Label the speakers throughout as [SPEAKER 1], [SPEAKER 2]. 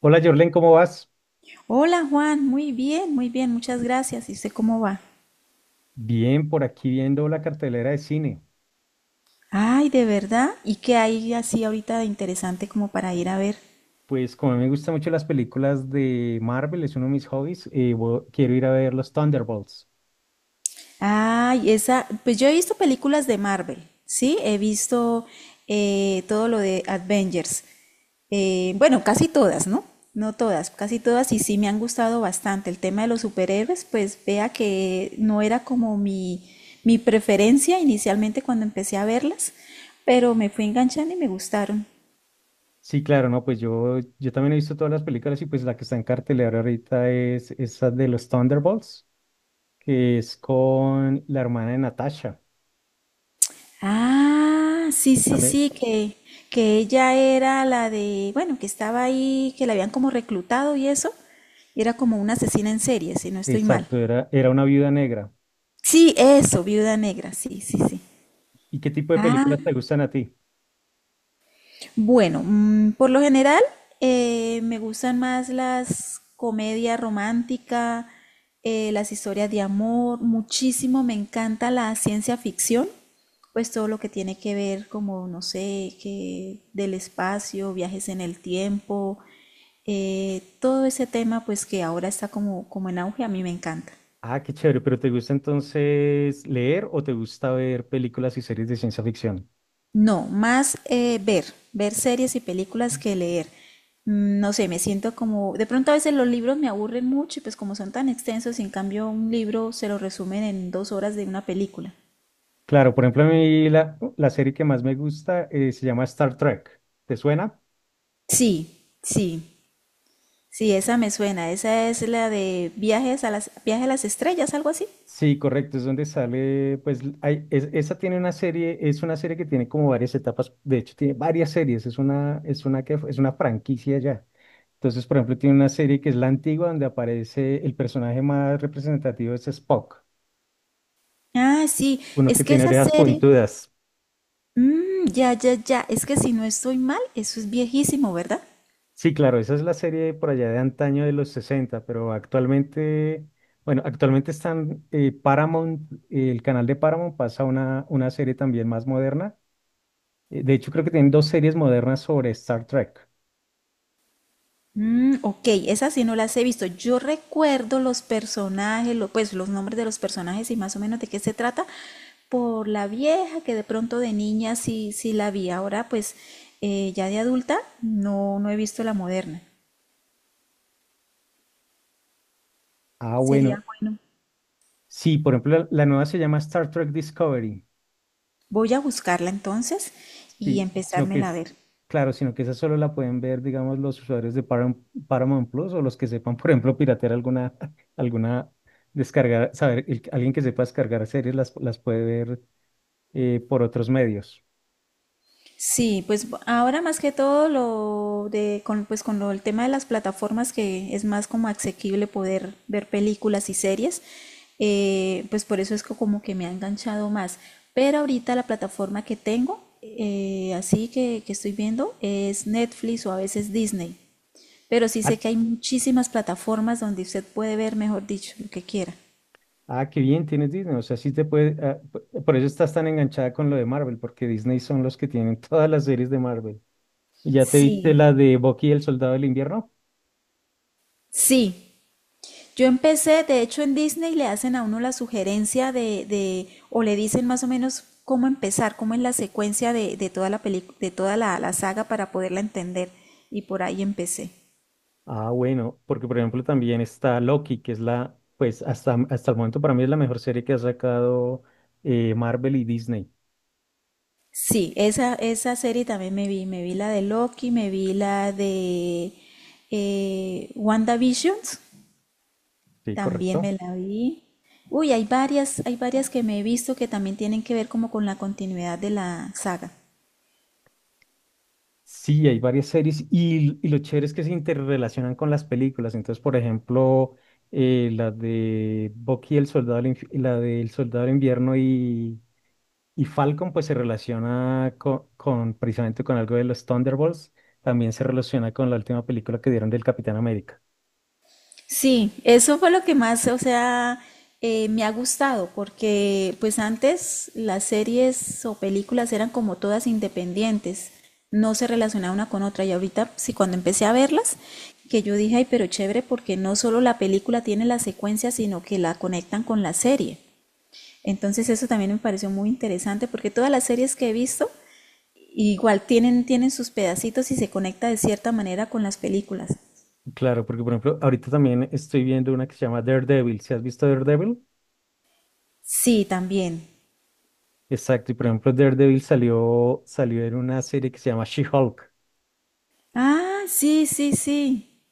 [SPEAKER 1] Hola Jorlen, ¿cómo vas?
[SPEAKER 2] Hola Juan, muy bien, muchas gracias. ¿Y usted cómo va?
[SPEAKER 1] Bien, por aquí viendo la cartelera de cine.
[SPEAKER 2] Ay, ¿de verdad? ¿Y qué hay así ahorita de interesante como para ir a ver?
[SPEAKER 1] Pues como a mí me gustan mucho las películas de Marvel, es uno de mis hobbies, quiero ir a ver los Thunderbolts.
[SPEAKER 2] Ay, esa, pues yo he visto películas de Marvel, ¿sí? He visto todo lo de Avengers. Bueno, casi todas, ¿no? No todas, casi todas y sí me han gustado bastante. El tema de los superhéroes, pues vea que no era como mi preferencia inicialmente cuando empecé a verlas, pero me fui enganchando y me gustaron.
[SPEAKER 1] Sí, claro, no, pues yo también he visto todas las películas y pues la que está en cartelera ahorita es esa de los Thunderbolts, que es con la hermana de Natasha.
[SPEAKER 2] Ah, sí, sí,
[SPEAKER 1] También,
[SPEAKER 2] sí, que ella era la de, bueno, que estaba ahí, que la habían como reclutado y eso, y era como una asesina en serie, si no estoy mal.
[SPEAKER 1] exacto, era una viuda negra.
[SPEAKER 2] Sí, eso, Viuda Negra, sí, sí, sí.
[SPEAKER 1] ¿Y qué tipo de
[SPEAKER 2] Ah.
[SPEAKER 1] películas te gustan a ti?
[SPEAKER 2] Bueno, por lo general me gustan más las comedias románticas, las historias de amor, muchísimo me encanta la ciencia ficción, pues todo lo que tiene que ver como, no sé, que del espacio, viajes en el tiempo, todo ese tema pues que ahora está como en auge, a mí me encanta.
[SPEAKER 1] Ah, qué chévere, pero ¿te gusta entonces leer o te gusta ver películas y series de ciencia ficción?
[SPEAKER 2] No, más ver series y películas que leer. No sé, me siento como, de pronto a veces los libros me aburren mucho y pues como son tan extensos, en cambio un libro se lo resumen en dos horas de una película.
[SPEAKER 1] Claro, por ejemplo, a mí la serie que más me gusta se llama Star Trek. ¿Te suena?
[SPEAKER 2] Sí, sí, sí, esa me suena, esa es la de viaje a las estrellas, algo así.
[SPEAKER 1] Sí, correcto, es donde sale, pues, hay, esa tiene una serie, es una serie que tiene como varias etapas, de hecho tiene varias series, es una que, es una franquicia ya. Entonces, por ejemplo, tiene una serie que es la antigua, donde aparece el personaje más representativo es Spock,
[SPEAKER 2] Ah, sí,
[SPEAKER 1] uno
[SPEAKER 2] es
[SPEAKER 1] que
[SPEAKER 2] que
[SPEAKER 1] tiene
[SPEAKER 2] esa
[SPEAKER 1] orejas
[SPEAKER 2] serie,
[SPEAKER 1] puntudas.
[SPEAKER 2] ya, ya, ya. Es que si no estoy mal, eso es viejísimo, ¿verdad?
[SPEAKER 1] Sí, claro, esa es la serie por allá de antaño de los 60, pero actualmente, bueno, actualmente están Paramount, el canal de Paramount pasa una serie también más moderna. De hecho, creo que tienen dos series modernas sobre Star Trek.
[SPEAKER 2] Ok, esas sí no las he visto. Yo recuerdo los personajes, pues los nombres de los personajes y más o menos de qué se trata por la vieja que de pronto de niña sí, sí la vi. Ahora pues ya de adulta no, no he visto la moderna.
[SPEAKER 1] Ah, bueno,
[SPEAKER 2] Sería bueno.
[SPEAKER 1] sí, por ejemplo, la nueva se llama Star Trek Discovery.
[SPEAKER 2] Voy a buscarla entonces y
[SPEAKER 1] Sí, sino que
[SPEAKER 2] empezármela a
[SPEAKER 1] es,
[SPEAKER 2] ver.
[SPEAKER 1] claro, sino que esa solo la pueden ver, digamos, los usuarios de Paramount Plus o los que sepan, por ejemplo, piratear alguna, alguna, descargar, saber, alguien que sepa descargar series las puede ver por otros medios.
[SPEAKER 2] Sí, pues ahora más que todo lo de con, pues con lo, el tema de las plataformas que es más como asequible poder ver películas y series, pues por eso es como que me ha enganchado más. Pero ahorita la plataforma que tengo, así que estoy viendo, es Netflix o a veces Disney. Pero sí
[SPEAKER 1] Ah,
[SPEAKER 2] sé que hay muchísimas plataformas donde usted puede ver, mejor dicho, lo que quiera.
[SPEAKER 1] Ah, qué bien, tienes Disney. O sea, sí te puede. Por eso estás tan enganchada con lo de Marvel, porque Disney son los que tienen todas las series de Marvel. ¿Y ya te viste
[SPEAKER 2] Sí,
[SPEAKER 1] la de Bucky y el Soldado del Invierno?
[SPEAKER 2] sí, yo empecé, de hecho en Disney le hacen a uno la sugerencia de o le dicen más o menos cómo empezar, cómo es la secuencia de toda la saga para poderla entender. Y por ahí empecé.
[SPEAKER 1] Ah, bueno, porque por ejemplo también está Loki, que es la, pues hasta, hasta el momento para mí es la mejor serie que ha sacado Marvel y Disney.
[SPEAKER 2] Sí, esa serie también me vi. Me vi la de Loki, me vi la de WandaVisions,
[SPEAKER 1] Sí,
[SPEAKER 2] también
[SPEAKER 1] correcto.
[SPEAKER 2] me la vi. Uy, hay varias que me he visto que también tienen que ver como con la continuidad de la saga.
[SPEAKER 1] Sí, hay varias series y lo chévere es que se interrelacionan con las películas. Entonces, por ejemplo, la de Bucky, el soldado, del inf- la del soldado del invierno y Falcon, pues se relaciona con, precisamente con algo de los Thunderbolts. También se relaciona con la última película que dieron del Capitán América.
[SPEAKER 2] Sí, eso fue lo que más, o sea, me ha gustado, porque pues antes las series o películas eran como todas independientes, no se relacionaban una con otra, y ahorita sí, cuando empecé a verlas, que yo dije, ay, pero chévere, porque no solo la película tiene la secuencia, sino que la conectan con la serie. Entonces eso también me pareció muy interesante, porque todas las series que he visto, igual tienen sus pedacitos y se conecta de cierta manera con las películas.
[SPEAKER 1] Claro, porque por ejemplo, ahorita también estoy viendo una que se llama Daredevil. ¿Si has visto Daredevil?
[SPEAKER 2] Sí, también.
[SPEAKER 1] Exacto, y por ejemplo, Daredevil salió en una serie que se llama She-Hulk.
[SPEAKER 2] Ah, sí, sí, sí,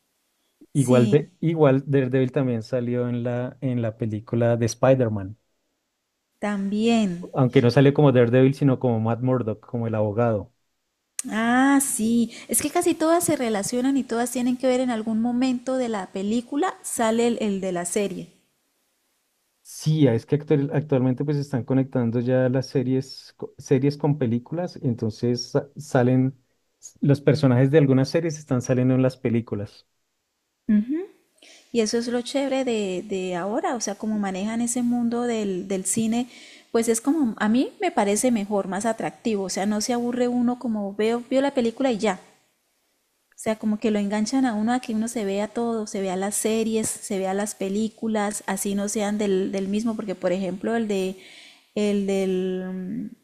[SPEAKER 1] Igual
[SPEAKER 2] sí,
[SPEAKER 1] de, igual Daredevil también salió en en la película de Spider-Man,
[SPEAKER 2] también.
[SPEAKER 1] aunque no salió como Daredevil, sino como Matt Murdock, como el abogado.
[SPEAKER 2] Ah, sí, es que casi todas se relacionan y todas tienen que ver en algún momento de la película, sale el de la serie.
[SPEAKER 1] Sí, es que actualmente pues están conectando ya las series, series con películas, entonces salen, los personajes de algunas series están saliendo en las películas.
[SPEAKER 2] Ujú. Y eso es lo chévere de ahora, o sea, como manejan ese mundo del cine, pues es como, a mí me parece mejor, más atractivo, o sea, no se aburre uno como vio la película y ya. O sea, como que lo enganchan a uno a que uno se vea todo, se vea las series, se vea las películas, así no sean del mismo, porque por ejemplo el de el del mm,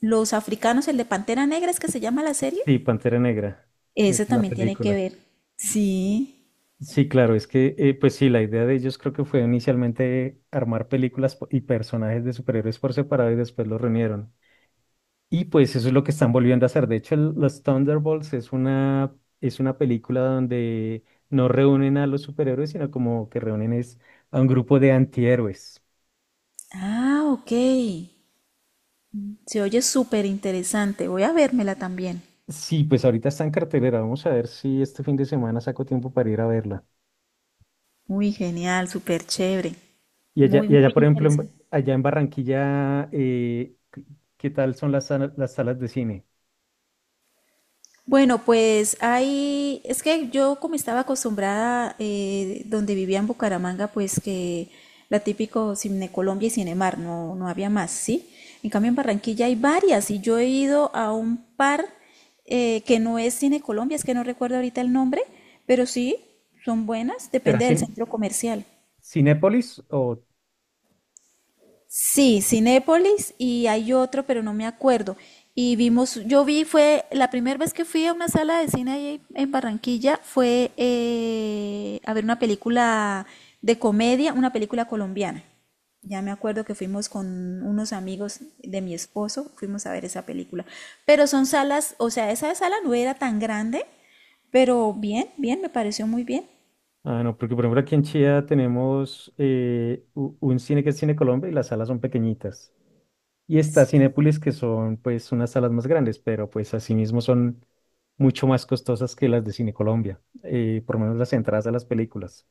[SPEAKER 2] los africanos, el de Pantera Negra es que se llama la serie,
[SPEAKER 1] Sí, Pantera Negra es
[SPEAKER 2] ese
[SPEAKER 1] la
[SPEAKER 2] también tiene que
[SPEAKER 1] película.
[SPEAKER 2] ver. Sí.
[SPEAKER 1] Sí, claro, es que pues sí, la idea de ellos creo que fue inicialmente armar películas y personajes de superhéroes por separado y después los reunieron. Y pues eso es lo que están volviendo a hacer. De hecho, los Thunderbolts es una película donde no reúnen a los superhéroes, sino como que reúnen es a un grupo de antihéroes.
[SPEAKER 2] Ah, ok. Se oye súper interesante. Voy a vérmela también.
[SPEAKER 1] Sí, pues ahorita está en cartelera. Vamos a ver si este fin de semana saco tiempo para ir a verla.
[SPEAKER 2] Muy genial, súper chévere.
[SPEAKER 1] Y allá,
[SPEAKER 2] Muy,
[SPEAKER 1] y
[SPEAKER 2] muy
[SPEAKER 1] allá por ejemplo,
[SPEAKER 2] interesante.
[SPEAKER 1] allá en Barranquilla, ¿qué qué tal son las salas de cine?
[SPEAKER 2] Bueno, pues ahí es que yo como estaba acostumbrada donde vivía en Bucaramanga, pues que la típico Cine Colombia y Cinemar, no, no había más, ¿sí? En cambio en Barranquilla hay varias y yo he ido a un par que no es Cine Colombia, es que no recuerdo ahorita el nombre, pero sí, son buenas,
[SPEAKER 1] ¿Será
[SPEAKER 2] depende del centro comercial.
[SPEAKER 1] Cinépolis o...?
[SPEAKER 2] Sí, Cinépolis y hay otro, pero no me acuerdo. Y yo vi, fue la primera vez que fui a una sala de cine ahí en Barranquilla, fue a ver una película de comedia, una película colombiana. Ya me acuerdo que fuimos con unos amigos de mi esposo, fuimos a ver esa película. Pero son salas, o sea, esa sala no era tan grande, pero bien, bien, me pareció muy bien.
[SPEAKER 1] Ah, no, porque por ejemplo aquí en Chía tenemos un cine que es Cine Colombia y las salas son pequeñitas. Y está Cinépolis, que son pues unas salas más grandes, pero pues asimismo son mucho más costosas que las de Cine Colombia, por lo menos las entradas a las películas.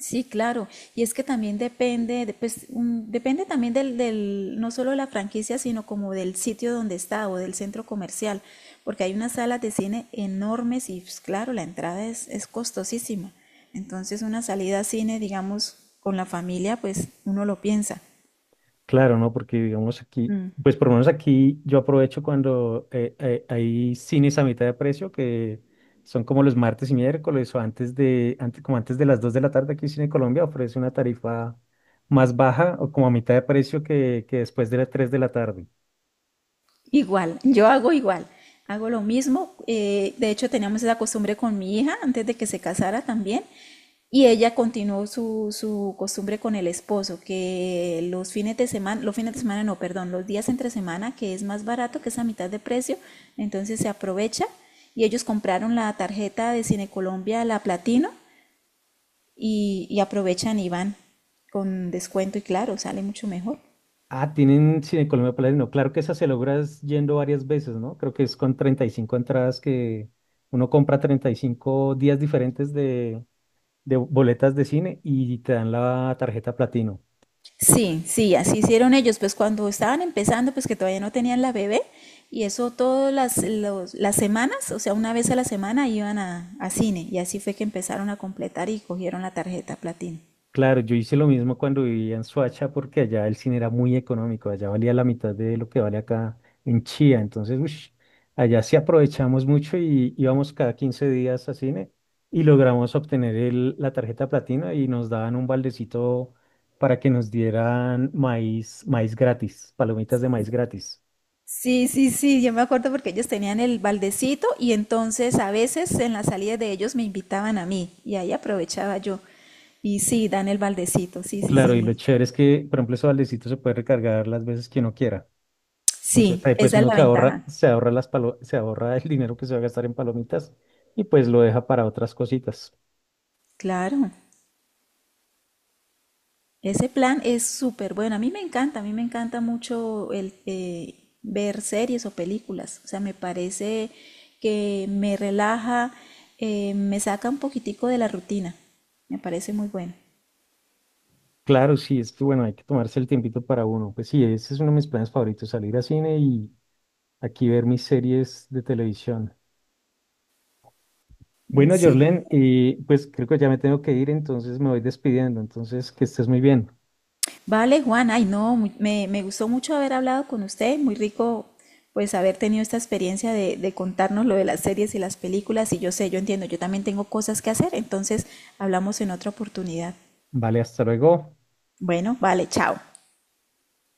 [SPEAKER 2] Sí, claro. Y es que también depende, pues, depende también del, no solo de la franquicia, sino como del sitio donde está o del centro comercial, porque hay unas salas de cine enormes y, pues, claro, la entrada es costosísima. Entonces, una salida a cine, digamos, con la familia, pues uno lo piensa.
[SPEAKER 1] Claro, ¿no? Porque digamos aquí, pues por lo menos aquí yo aprovecho cuando hay cines a mitad de precio, que son como los martes y miércoles o como antes de las 2 de la tarde, aquí Cine Colombia ofrece una tarifa más baja o como a mitad de precio que después de las 3 de la tarde.
[SPEAKER 2] Igual, yo hago igual, hago lo mismo. De hecho, teníamos esa costumbre con mi hija antes de que se casara también. Y ella continuó su costumbre con el esposo, que los fines de semana, los fines de semana no, perdón, los días entre semana, que es más barato, que es a mitad de precio, entonces se aprovecha. Y ellos compraron la tarjeta de Cine Colombia, la Platino, y aprovechan y van con descuento y claro, sale mucho mejor.
[SPEAKER 1] Ah, tienen Cine Colombia platino. Claro que esa se logra es yendo varias veces, ¿no? Creo que es con 35 entradas que uno compra 35 días diferentes de boletas de cine y te dan la tarjeta platino.
[SPEAKER 2] Sí, sí, así hicieron ellos, pues cuando estaban empezando, pues que todavía no tenían la bebé, y eso todas las semanas, o sea, una vez a la semana iban a cine, y así fue que empezaron a completar y cogieron la tarjeta platino.
[SPEAKER 1] Claro, yo hice lo mismo cuando vivía en Soacha porque allá el cine era muy económico, allá valía la mitad de lo que vale acá en Chía, entonces ush, allá sí aprovechamos mucho y íbamos cada 15 días a cine y logramos obtener la tarjeta platino y nos daban un baldecito para que nos dieran maíz gratis, palomitas de maíz gratis.
[SPEAKER 2] Sí, sí, sí, yo me acuerdo porque ellos tenían el baldecito y entonces a veces en las salidas de ellos me invitaban a mí y ahí aprovechaba yo. Y sí, dan el baldecito, sí, sí,
[SPEAKER 1] Claro,
[SPEAKER 2] sí,
[SPEAKER 1] y
[SPEAKER 2] muy...
[SPEAKER 1] lo chévere es que, por ejemplo, ese baldecito se puede recargar las veces que uno quiera. Entonces
[SPEAKER 2] Sí,
[SPEAKER 1] ahí pues
[SPEAKER 2] esa es
[SPEAKER 1] uno
[SPEAKER 2] la
[SPEAKER 1] se ahorra,
[SPEAKER 2] ventaja,
[SPEAKER 1] se ahorra el dinero que se va a gastar en palomitas y pues lo deja para otras cositas.
[SPEAKER 2] claro. Ese plan es súper bueno. A mí me encanta, a mí me encanta mucho el ver series o películas. O sea, me parece que me relaja, me saca un poquitico de la rutina. Me parece muy bueno.
[SPEAKER 1] Claro, sí, es que bueno, hay que tomarse el tiempito para uno. Pues sí, ese es uno de mis planes favoritos, salir a cine y aquí ver mis series de televisión.
[SPEAKER 2] Mm,
[SPEAKER 1] Bueno,
[SPEAKER 2] sí.
[SPEAKER 1] Jorlen, y pues creo que ya me tengo que ir, entonces me voy despidiendo. Entonces, que estés muy bien.
[SPEAKER 2] Vale, Juan, ay no, me gustó mucho haber hablado con usted. Muy rico, pues, haber tenido esta experiencia de contarnos lo de las series y las películas. Y yo sé, yo entiendo, yo también tengo cosas que hacer. Entonces, hablamos en otra oportunidad.
[SPEAKER 1] Vale, hasta luego.
[SPEAKER 2] Bueno, vale, chao.